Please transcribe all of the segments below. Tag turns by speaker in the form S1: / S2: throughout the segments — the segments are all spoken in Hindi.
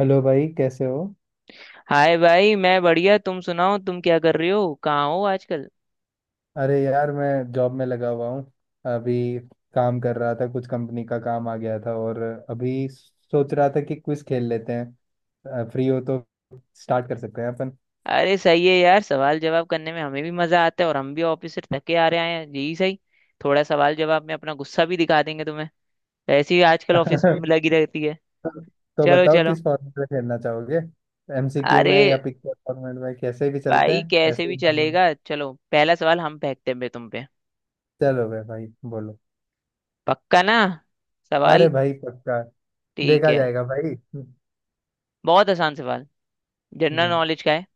S1: हेलो भाई, कैसे हो।
S2: हाय भाई, मैं बढ़िया। तुम सुनाओ, तुम क्या कर रहे हो, कहाँ हो आजकल।
S1: अरे यार, मैं जॉब में लगा हुआ हूँ। अभी काम कर रहा था, कुछ कंपनी का काम आ गया था। और अभी सोच रहा था कि क्विज खेल लेते हैं, फ्री हो तो स्टार्ट कर सकते हैं अपन।
S2: अरे सही है यार, सवाल जवाब करने में हमें भी मजा आता है, और हम भी ऑफिस से थके आ रहे हैं, यही सही। थोड़ा सवाल जवाब में अपना गुस्सा भी दिखा देंगे तुम्हें, वैसे ही आजकल ऑफिस में लगी रहती है।
S1: तो
S2: चलो
S1: बताओ
S2: चलो।
S1: किस फॉर्मेट में खेलना चाहोगे। एमसीक्यू में
S2: अरे
S1: या पिक्चर फॉर्मेट में, कैसे भी चलते
S2: भाई,
S1: हैं
S2: कैसे
S1: ऐसे ही
S2: भी
S1: नॉर्मल।
S2: चलेगा। चलो, पहला सवाल हम फेंकते हैं बे तुम पे।
S1: चलो भाई भाई बोलो।
S2: पक्का ना? सवाल।
S1: अरे भाई, पक्का
S2: ठीक
S1: देखा
S2: है।
S1: जाएगा भाई। हम्म।
S2: बहुत आसान सवाल, जनरल
S1: हम्म।
S2: नॉलेज का है।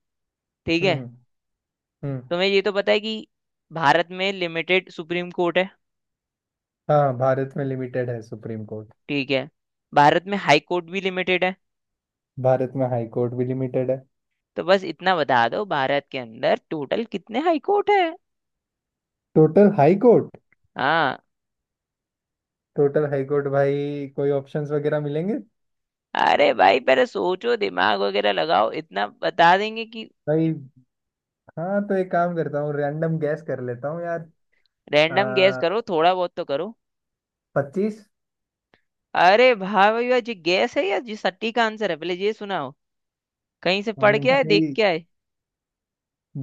S2: ठीक है।
S1: हम्म। हम्म।
S2: तुम्हें ये तो पता है कि भारत में लिमिटेड सुप्रीम कोर्ट है।
S1: हाँ, भारत में लिमिटेड है सुप्रीम कोर्ट।
S2: ठीक है। भारत में हाई कोर्ट भी लिमिटेड है।
S1: भारत में हाई कोर्ट भी लिमिटेड है।
S2: तो बस इतना बता दो, भारत के अंदर टोटल कितने हाई कोर्ट है।
S1: Total high court.
S2: हाँ।
S1: टोटल हाई कोर्ट भाई, कोई ऑप्शंस वगैरह मिलेंगे।
S2: अरे भाई, पहले सोचो, दिमाग वगैरह लगाओ, इतना बता देंगे कि।
S1: भाई, हाँ तो एक काम करता हूँ, रैंडम गैस कर लेता हूँ यार।
S2: रैंडम गैस
S1: आ,
S2: करो, थोड़ा बहुत तो करो।
S1: 25।
S2: अरे भाई भाई भाई, ये गैस है या जी सट्टी का आंसर है, पहले ये सुनाओ। कहीं से पढ़ के आए, देख
S1: भाई।
S2: के आए?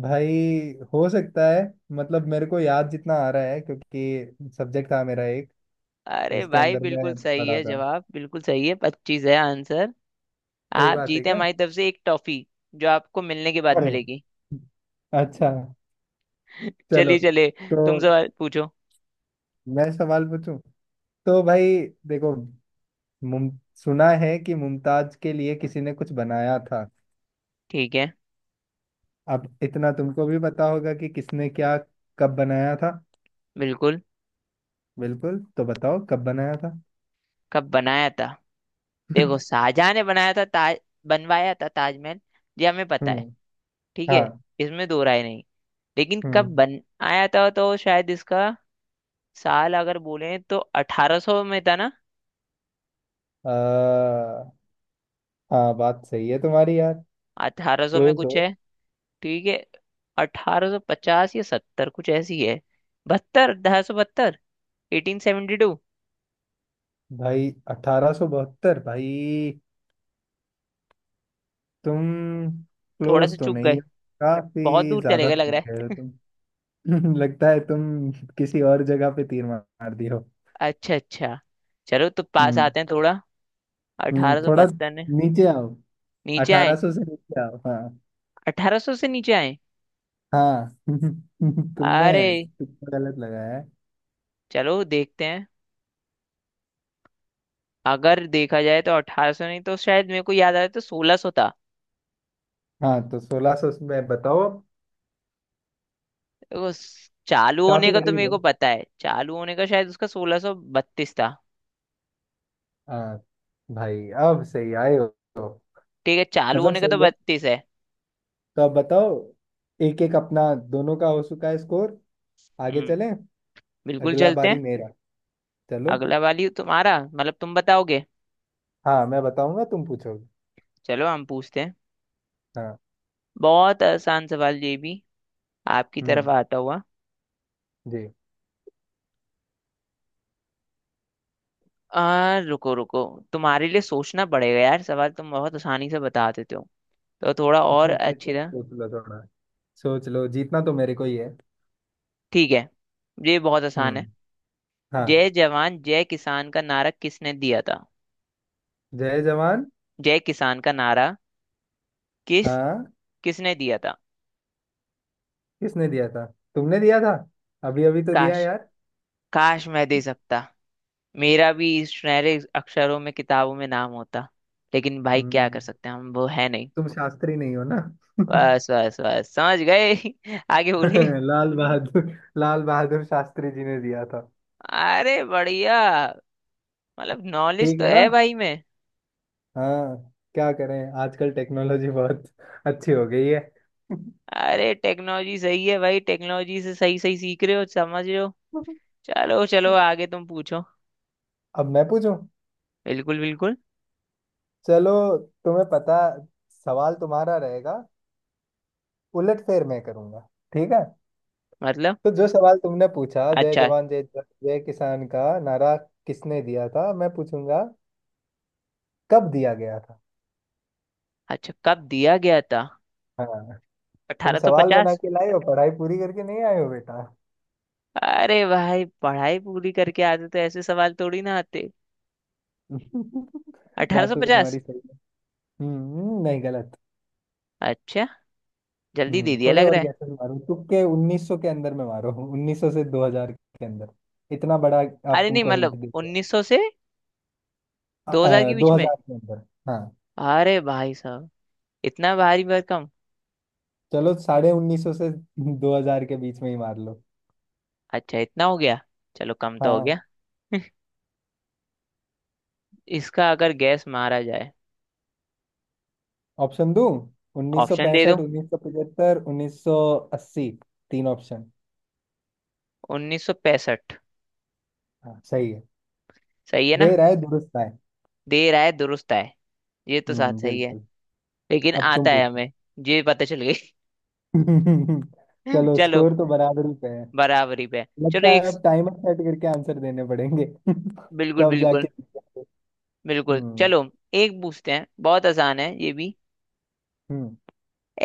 S1: भाई, हो सकता है। मतलब मेरे को याद जितना आ रहा है, क्योंकि सब्जेक्ट था मेरा एक।
S2: अरे
S1: इसके
S2: भाई
S1: अंदर
S2: बिल्कुल
S1: मैं
S2: सही
S1: पढ़ा
S2: है,
S1: था।
S2: जवाब बिल्कुल सही है, 25 है आंसर।
S1: सही
S2: आप
S1: बात है
S2: जीते
S1: क्या।
S2: हमारी तरफ से एक टॉफी, जो आपको मिलने के बाद
S1: अरे,
S2: मिलेगी।
S1: अच्छा। चलो
S2: चलिए चलिए।
S1: तो
S2: तुम सवाल पूछो।
S1: मैं सवाल पूछूं। तो भाई देखो, मुम सुना है कि मुमताज के लिए किसी ने कुछ बनाया था।
S2: ठीक है।
S1: अब इतना तुमको भी पता होगा कि किसने क्या कब बनाया था।
S2: बिल्कुल।
S1: बिल्कुल, तो बताओ कब बनाया था।
S2: कब बनाया था। देखो, शाहजहां ने बनाया था ताज, बनवाया था ताजमहल, ये हमें पता है।
S1: हम्म।
S2: ठीक है।
S1: हाँ।
S2: इसमें दो राय नहीं। लेकिन कब
S1: हम्म।
S2: बनाया था तो शायद इसका साल अगर बोले तो 1800 में था ना।
S1: आ, हाँ बात सही है तुम्हारी यार।
S2: 1800 में
S1: क्लोज
S2: कुछ
S1: हो।
S2: है। ठीक है। 1850 या 70 कुछ ऐसी है। 72, 1872। 1872
S1: भाई 1872, भाई तुम
S2: थोड़ा सा
S1: क्लोज तो
S2: चूक
S1: नहीं
S2: गए।
S1: हो।
S2: बहुत
S1: काफी
S2: दूर चले
S1: ज्यादा
S2: गए लग
S1: थक
S2: रहा है।
S1: गए हो तुम। लगता है तुम किसी और जगह पे तीर मार दिए हो।
S2: अच्छा अच्छा। चलो, तो पास
S1: हम्म।
S2: आते हैं थोड़ा।
S1: हम्म, थोड़ा
S2: 1872 में
S1: नीचे आओ।
S2: नीचे आए।
S1: 1800 से नीचे आओ, हाँ।
S2: 1800 से नीचे आए।
S1: हाँ। तुमने
S2: अरे
S1: तुक्का गलत लगाया है।
S2: चलो देखते हैं। अगर देखा जाए तो 1800 नहीं, तो शायद मेरे को याद आ रहा है तो 1600 था।
S1: हाँ तो 1600 में बताओ अब।
S2: देखो, चालू होने
S1: काफी
S2: का तो
S1: करीब
S2: मेरे को
S1: हो।
S2: पता है। चालू होने का शायद उसका 1632 था।
S1: हाँ भाई, अब सही आए हो।
S2: ठीक है, चालू
S1: मतलब
S2: होने का तो
S1: सही है।
S2: 32 है।
S1: तो अब बताओ, एक एक अपना दोनों का हो चुका है स्कोर। आगे
S2: हम्म,
S1: चलें।
S2: बिल्कुल,
S1: अगला
S2: चलते
S1: बारी
S2: हैं।
S1: मेरा। चलो,
S2: अगला वाली तुम्हारा, मतलब तुम बताओगे।
S1: हाँ मैं बताऊंगा तुम पूछोगे।
S2: चलो हम पूछते हैं।
S1: हाँ।
S2: बहुत आसान सवाल ये भी, आपकी तरफ
S1: हम्म।
S2: आता हुआ।
S1: जी।
S2: रुको रुको। तुम्हारे लिए सोचना पड़ेगा यार, सवाल तुम बहुत आसानी से बता देते हो, तो थोड़ा और
S1: अरे
S2: अच्छी
S1: चल,
S2: तरह।
S1: सोच लो थोड़ा। सोच लो, जीतना तो मेरे को ही है।
S2: ठीक है, ये बहुत आसान है।
S1: हम्म।
S2: जय
S1: हाँ।
S2: जवान जय किसान का नारा किसने दिया था।
S1: जय जवान।
S2: जय किसान का नारा, किस
S1: हाँ।
S2: किसने दिया था।
S1: किसने दिया था। तुमने दिया था, अभी अभी तो दिया
S2: काश,
S1: यार।
S2: काश मैं दे सकता। मेरा भी इस सुनहरे अक्षरों में किताबों में नाम होता, लेकिन भाई क्या कर
S1: हम्म।
S2: सकते हैं, हम वो है नहीं।
S1: तुम शास्त्री नहीं हो ना।
S2: बस बस बस, समझ गए। आगे बोलिए।
S1: लाल बहादुर, लाल बहादुर शास्त्री जी ने दिया था।
S2: अरे बढ़िया, मतलब नॉलेज
S1: ठीक
S2: तो
S1: है ना।
S2: है भाई में।
S1: हाँ, क्या करें आजकल टेक्नोलॉजी बहुत अच्छी हो गई है।
S2: अरे टेक्नोलॉजी सही है भाई, टेक्नोलॉजी से सही सही सीख रहे हो, समझ रहे हो। चलो चलो, आगे तुम पूछो।
S1: अब मैं पूछूं।
S2: बिल्कुल बिल्कुल।
S1: चलो, तुम्हें पता, सवाल तुम्हारा रहेगा, उलट फेर मैं करूंगा, ठीक है।
S2: मतलब।
S1: तो जो सवाल तुमने पूछा, जय
S2: अच्छा,
S1: जवान जय जय किसान का नारा किसने दिया था, मैं पूछूंगा कब दिया गया था।
S2: अच्छा कब दिया गया था।
S1: हाँ। तुम सवाल बना
S2: 1850।
S1: के लाए हो, पढ़ाई पूरी करके नहीं आए हो बेटा।
S2: अरे भाई, पढ़ाई पूरी करके आते तो ऐसे सवाल थोड़ी ना आते।
S1: बात तो
S2: 1850।
S1: तुम्हारी सही है। हम्म, नहीं गलत।
S2: अच्छा, जल्दी
S1: हम्म,
S2: दे दिया
S1: थोड़े
S2: लग
S1: और
S2: रहा है।
S1: गैसेस मारो तुक्के। 1900 के अंदर में मारो, 1900 से 2000 के अंदर। इतना बड़ा। आप
S2: अरे नहीं,
S1: तुमको हिंट
S2: मतलब
S1: दे दिया।
S2: 1900 से 2000 के
S1: दो
S2: बीच में।
S1: हजार के अंदर। हाँ।
S2: अरे भाई साहब, इतना भारी भरकम।
S1: चलो, 1950 से 2000 के बीच में ही मार लो।
S2: अच्छा, इतना हो गया, चलो कम तो हो
S1: हाँ।
S2: गया। इसका अगर गैस मारा जाए।
S1: ऑप्शन दूं, उन्नीस सौ
S2: ऑप्शन दे दो।
S1: पैंसठ 1975, 1980, तीन ऑप्शन।
S2: 1965।
S1: हाँ सही है।
S2: सही है ना।
S1: दे रहा है, दुरुस्त है।
S2: देर आए दुरुस्त आए। ये तो साथ
S1: हम्म,
S2: सही है,
S1: बिल्कुल।
S2: लेकिन
S1: अब तुम
S2: आता है
S1: पूछो।
S2: हमें। ये पता चल गई।
S1: चलो,
S2: चलो
S1: स्कोर तो बराबरी पे है।
S2: बराबरी पे। चलो
S1: लगता है
S2: एक।
S1: अब टाइमर सेट करके आंसर देने पड़ेंगे
S2: बिल्कुल
S1: तब
S2: बिल्कुल।
S1: जाके।
S2: बिल्कुल
S1: हम्म।
S2: चलो। एक पूछते हैं, बहुत आसान है ये भी।
S1: हम्म।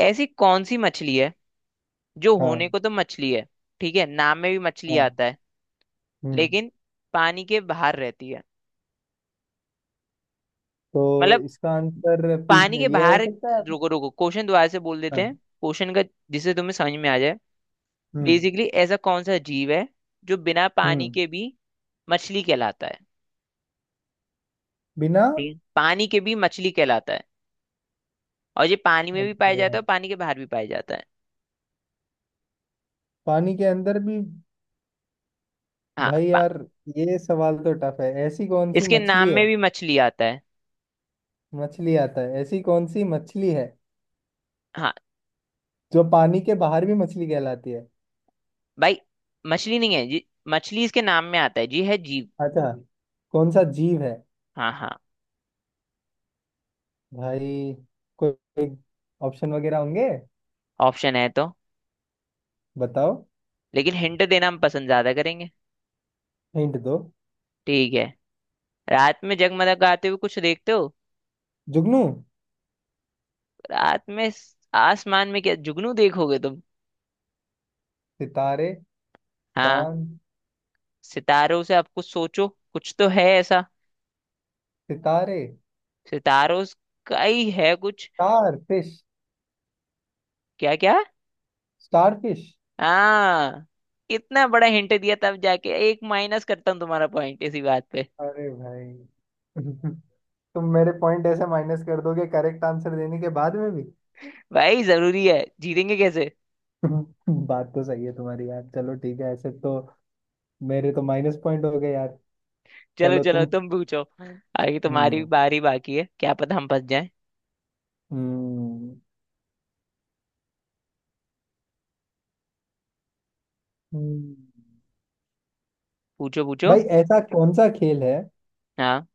S2: ऐसी कौन सी मछली है, जो होने
S1: हाँ।
S2: को तो मछली है, ठीक है, नाम में भी मछली
S1: हाँ।
S2: आता है,
S1: हम्म।
S2: लेकिन पानी के बाहर रहती है।
S1: तो
S2: मतलब,
S1: इसका आंसर
S2: पानी के
S1: ये हो
S2: बाहर।
S1: सकता है।
S2: रुको रुको, क्वेश्चन दोबारा से बोल देते हैं,
S1: हाँ।
S2: क्वेश्चन का, जिससे तुम्हें समझ में आ जाए।
S1: हम्म।
S2: बेसिकली ऐसा कौन सा जीव है जो बिना पानी
S1: हम्म।
S2: के भी मछली कहलाता है।
S1: बिना।
S2: ठीक है, पानी के भी मछली कहलाता है, और ये पानी में भी पाया
S1: अबे
S2: जाता
S1: यार,
S2: है और पानी के बाहर भी पाया जाता है।
S1: पानी के अंदर भी।
S2: हाँ
S1: भाई
S2: पा-
S1: यार, ये सवाल तो टफ है। ऐसी कौन सी
S2: इसके नाम
S1: मछली
S2: में
S1: है।
S2: भी मछली आता है।
S1: मछली आता है, ऐसी कौन सी मछली है
S2: हाँ
S1: जो पानी के बाहर भी मछली कहलाती है।
S2: भाई, मछली नहीं है जी, मछली इसके नाम में आता है जी, है जीव।
S1: अच्छा, कौन सा जीव है।
S2: हाँ हाँ।
S1: भाई कोई ऑप्शन वगैरह होंगे।
S2: ऑप्शन है तो,
S1: बताओ।
S2: लेकिन हिंट देना हम पसंद ज्यादा करेंगे।
S1: हिंट दो।
S2: ठीक है। रात में जगमग गाते हुए कुछ देखते हो।
S1: जुगनू।
S2: रात में आसमान में क्या जुगनू देखोगे तुम।
S1: सितारे।
S2: हाँ,
S1: चांद।
S2: सितारों से आप कुछ सोचो, कुछ तो है ऐसा।
S1: सितारे।
S2: सितारों स- का ही है कुछ।
S1: Star fish.
S2: क्या क्या।
S1: Star fish.
S2: हाँ। इतना बड़ा हिंट दिया तब जाके एक माइनस करता हूँ तुम्हारा पॉइंट इसी बात पे।
S1: अरे भाई। तुम मेरे पॉइंट ऐसे माइनस कर दोगे करेक्ट आंसर देने के बाद में भी।
S2: भाई जरूरी है, जीतेंगे कैसे।
S1: बात तो सही है तुम्हारी यार, चलो ठीक है। ऐसे तो मेरे तो माइनस पॉइंट हो गए यार।
S2: चलो
S1: चलो
S2: चलो
S1: तुम।
S2: तुम पूछो। आगे तुम्हारी
S1: हम्म।
S2: बारी बाकी है, क्या पता हम फंस जाएं।
S1: हम्म। हम्म।
S2: पूछो पूछो।
S1: भाई ऐसा कौन सा खेल है,
S2: हाँ।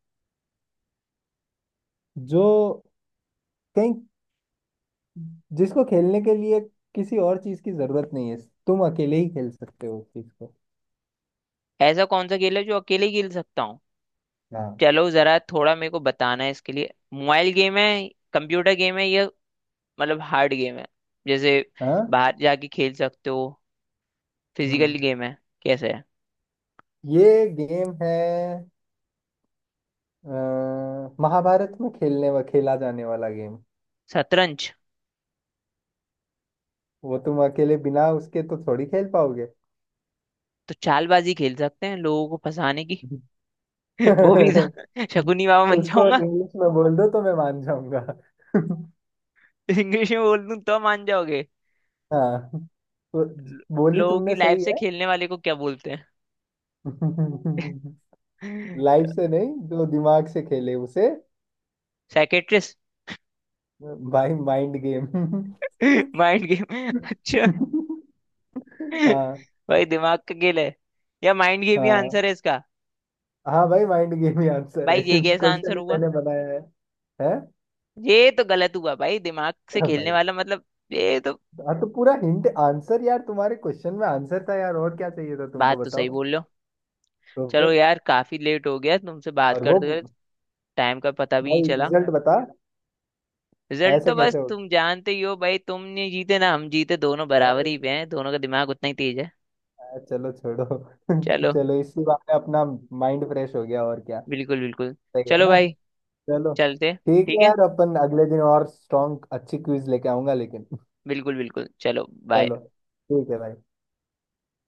S1: जो कहीं, जिसको खेलने के लिए किसी और चीज की जरूरत नहीं है। तुम अकेले ही खेल सकते हो उस चीज को।
S2: ऐसा कौन सा खेल है जो अकेले ही खेल सकता हूँ।
S1: हाँ।
S2: चलो जरा, थोड़ा मेरे को बताना है इसके लिए, मोबाइल गेम है, कंप्यूटर गेम है, या मतलब हार्ड गेम है, जैसे
S1: हाँ।
S2: बाहर जाके खेल सकते हो, फिजिकल
S1: हम्म।
S2: गेम है, कैसे है।
S1: ये गेम है, अ, महाभारत में खेलने व खेला जाने वाला गेम।
S2: शतरंज।
S1: वो तुम अकेले बिना उसके तो थोड़ी खेल पाओगे।
S2: तो चालबाजी खेल सकते हैं लोगों को फंसाने की। वो भी था। शकुनी बाबा बन
S1: उसको
S2: जाऊंगा।
S1: इंग्लिश में बोल दो तो मैं मान जाऊंगा।
S2: इंग्लिश में बोल दूं तो मान जाओगे।
S1: हाँ, तो बोली
S2: लोगों की
S1: तुमने
S2: लाइफ
S1: सही
S2: से
S1: है।
S2: खेलने वाले को क्या बोलते हैं।
S1: लाइफ से नहीं, जो दिमाग से खेले उसे।
S2: साइकेट्रिस्ट।
S1: भाई, माइंड गेम।
S2: Mind game. अच्छा,
S1: हाँ।
S2: भाई दिमाग का खेल है, या माइंड गेम ही
S1: हाँ।
S2: आंसर है इसका।
S1: हाँ भाई, माइंड गेम ही आंसर है,
S2: भाई ये
S1: इस
S2: कैसा
S1: क्वेश्चन
S2: आंसर
S1: ही
S2: हुआ,
S1: मैंने बनाया है। है।
S2: ये तो गलत हुआ भाई, दिमाग से
S1: हाँ
S2: खेलने
S1: भाई।
S2: वाला मतलब, ये तो।
S1: हाँ तो पूरा हिंट आंसर यार, तुम्हारे क्वेश्चन में आंसर था यार, और क्या चाहिए था तुमको,
S2: बात तो सही
S1: बताओ।
S2: बोल रहे हो।
S1: तो
S2: चलो
S1: फिर।
S2: यार, काफी लेट हो गया तुमसे बात
S1: और वो।
S2: करते हुए, टाइम का पता भी नहीं
S1: भाई,
S2: चला।
S1: रिजल्ट बता।
S2: रिजल्ट तो
S1: ऐसे
S2: बस
S1: कैसे हो
S2: तुम जानते ही हो भाई, तुम नहीं जीते ना, हम जीते, दोनों बराबर ही
S1: भाई।
S2: पे हैं, दोनों का दिमाग उतना ही तेज है।
S1: हाँ, चलो छोड़ो।
S2: चलो,
S1: चलो इसी बात में अपना माइंड फ्रेश हो गया, और क्या।
S2: बिल्कुल बिल्कुल।
S1: सही है
S2: चलो
S1: ना।
S2: भाई,
S1: चलो,
S2: चलते।
S1: ठीक है
S2: ठीक है,
S1: यार, अपन अगले दिन और स्ट्रॉन्ग अच्छी क्विज लेके आऊंगा लेकिन।
S2: बिल्कुल बिल्कुल चलो। बाय।
S1: चलो, ठीक है भाई।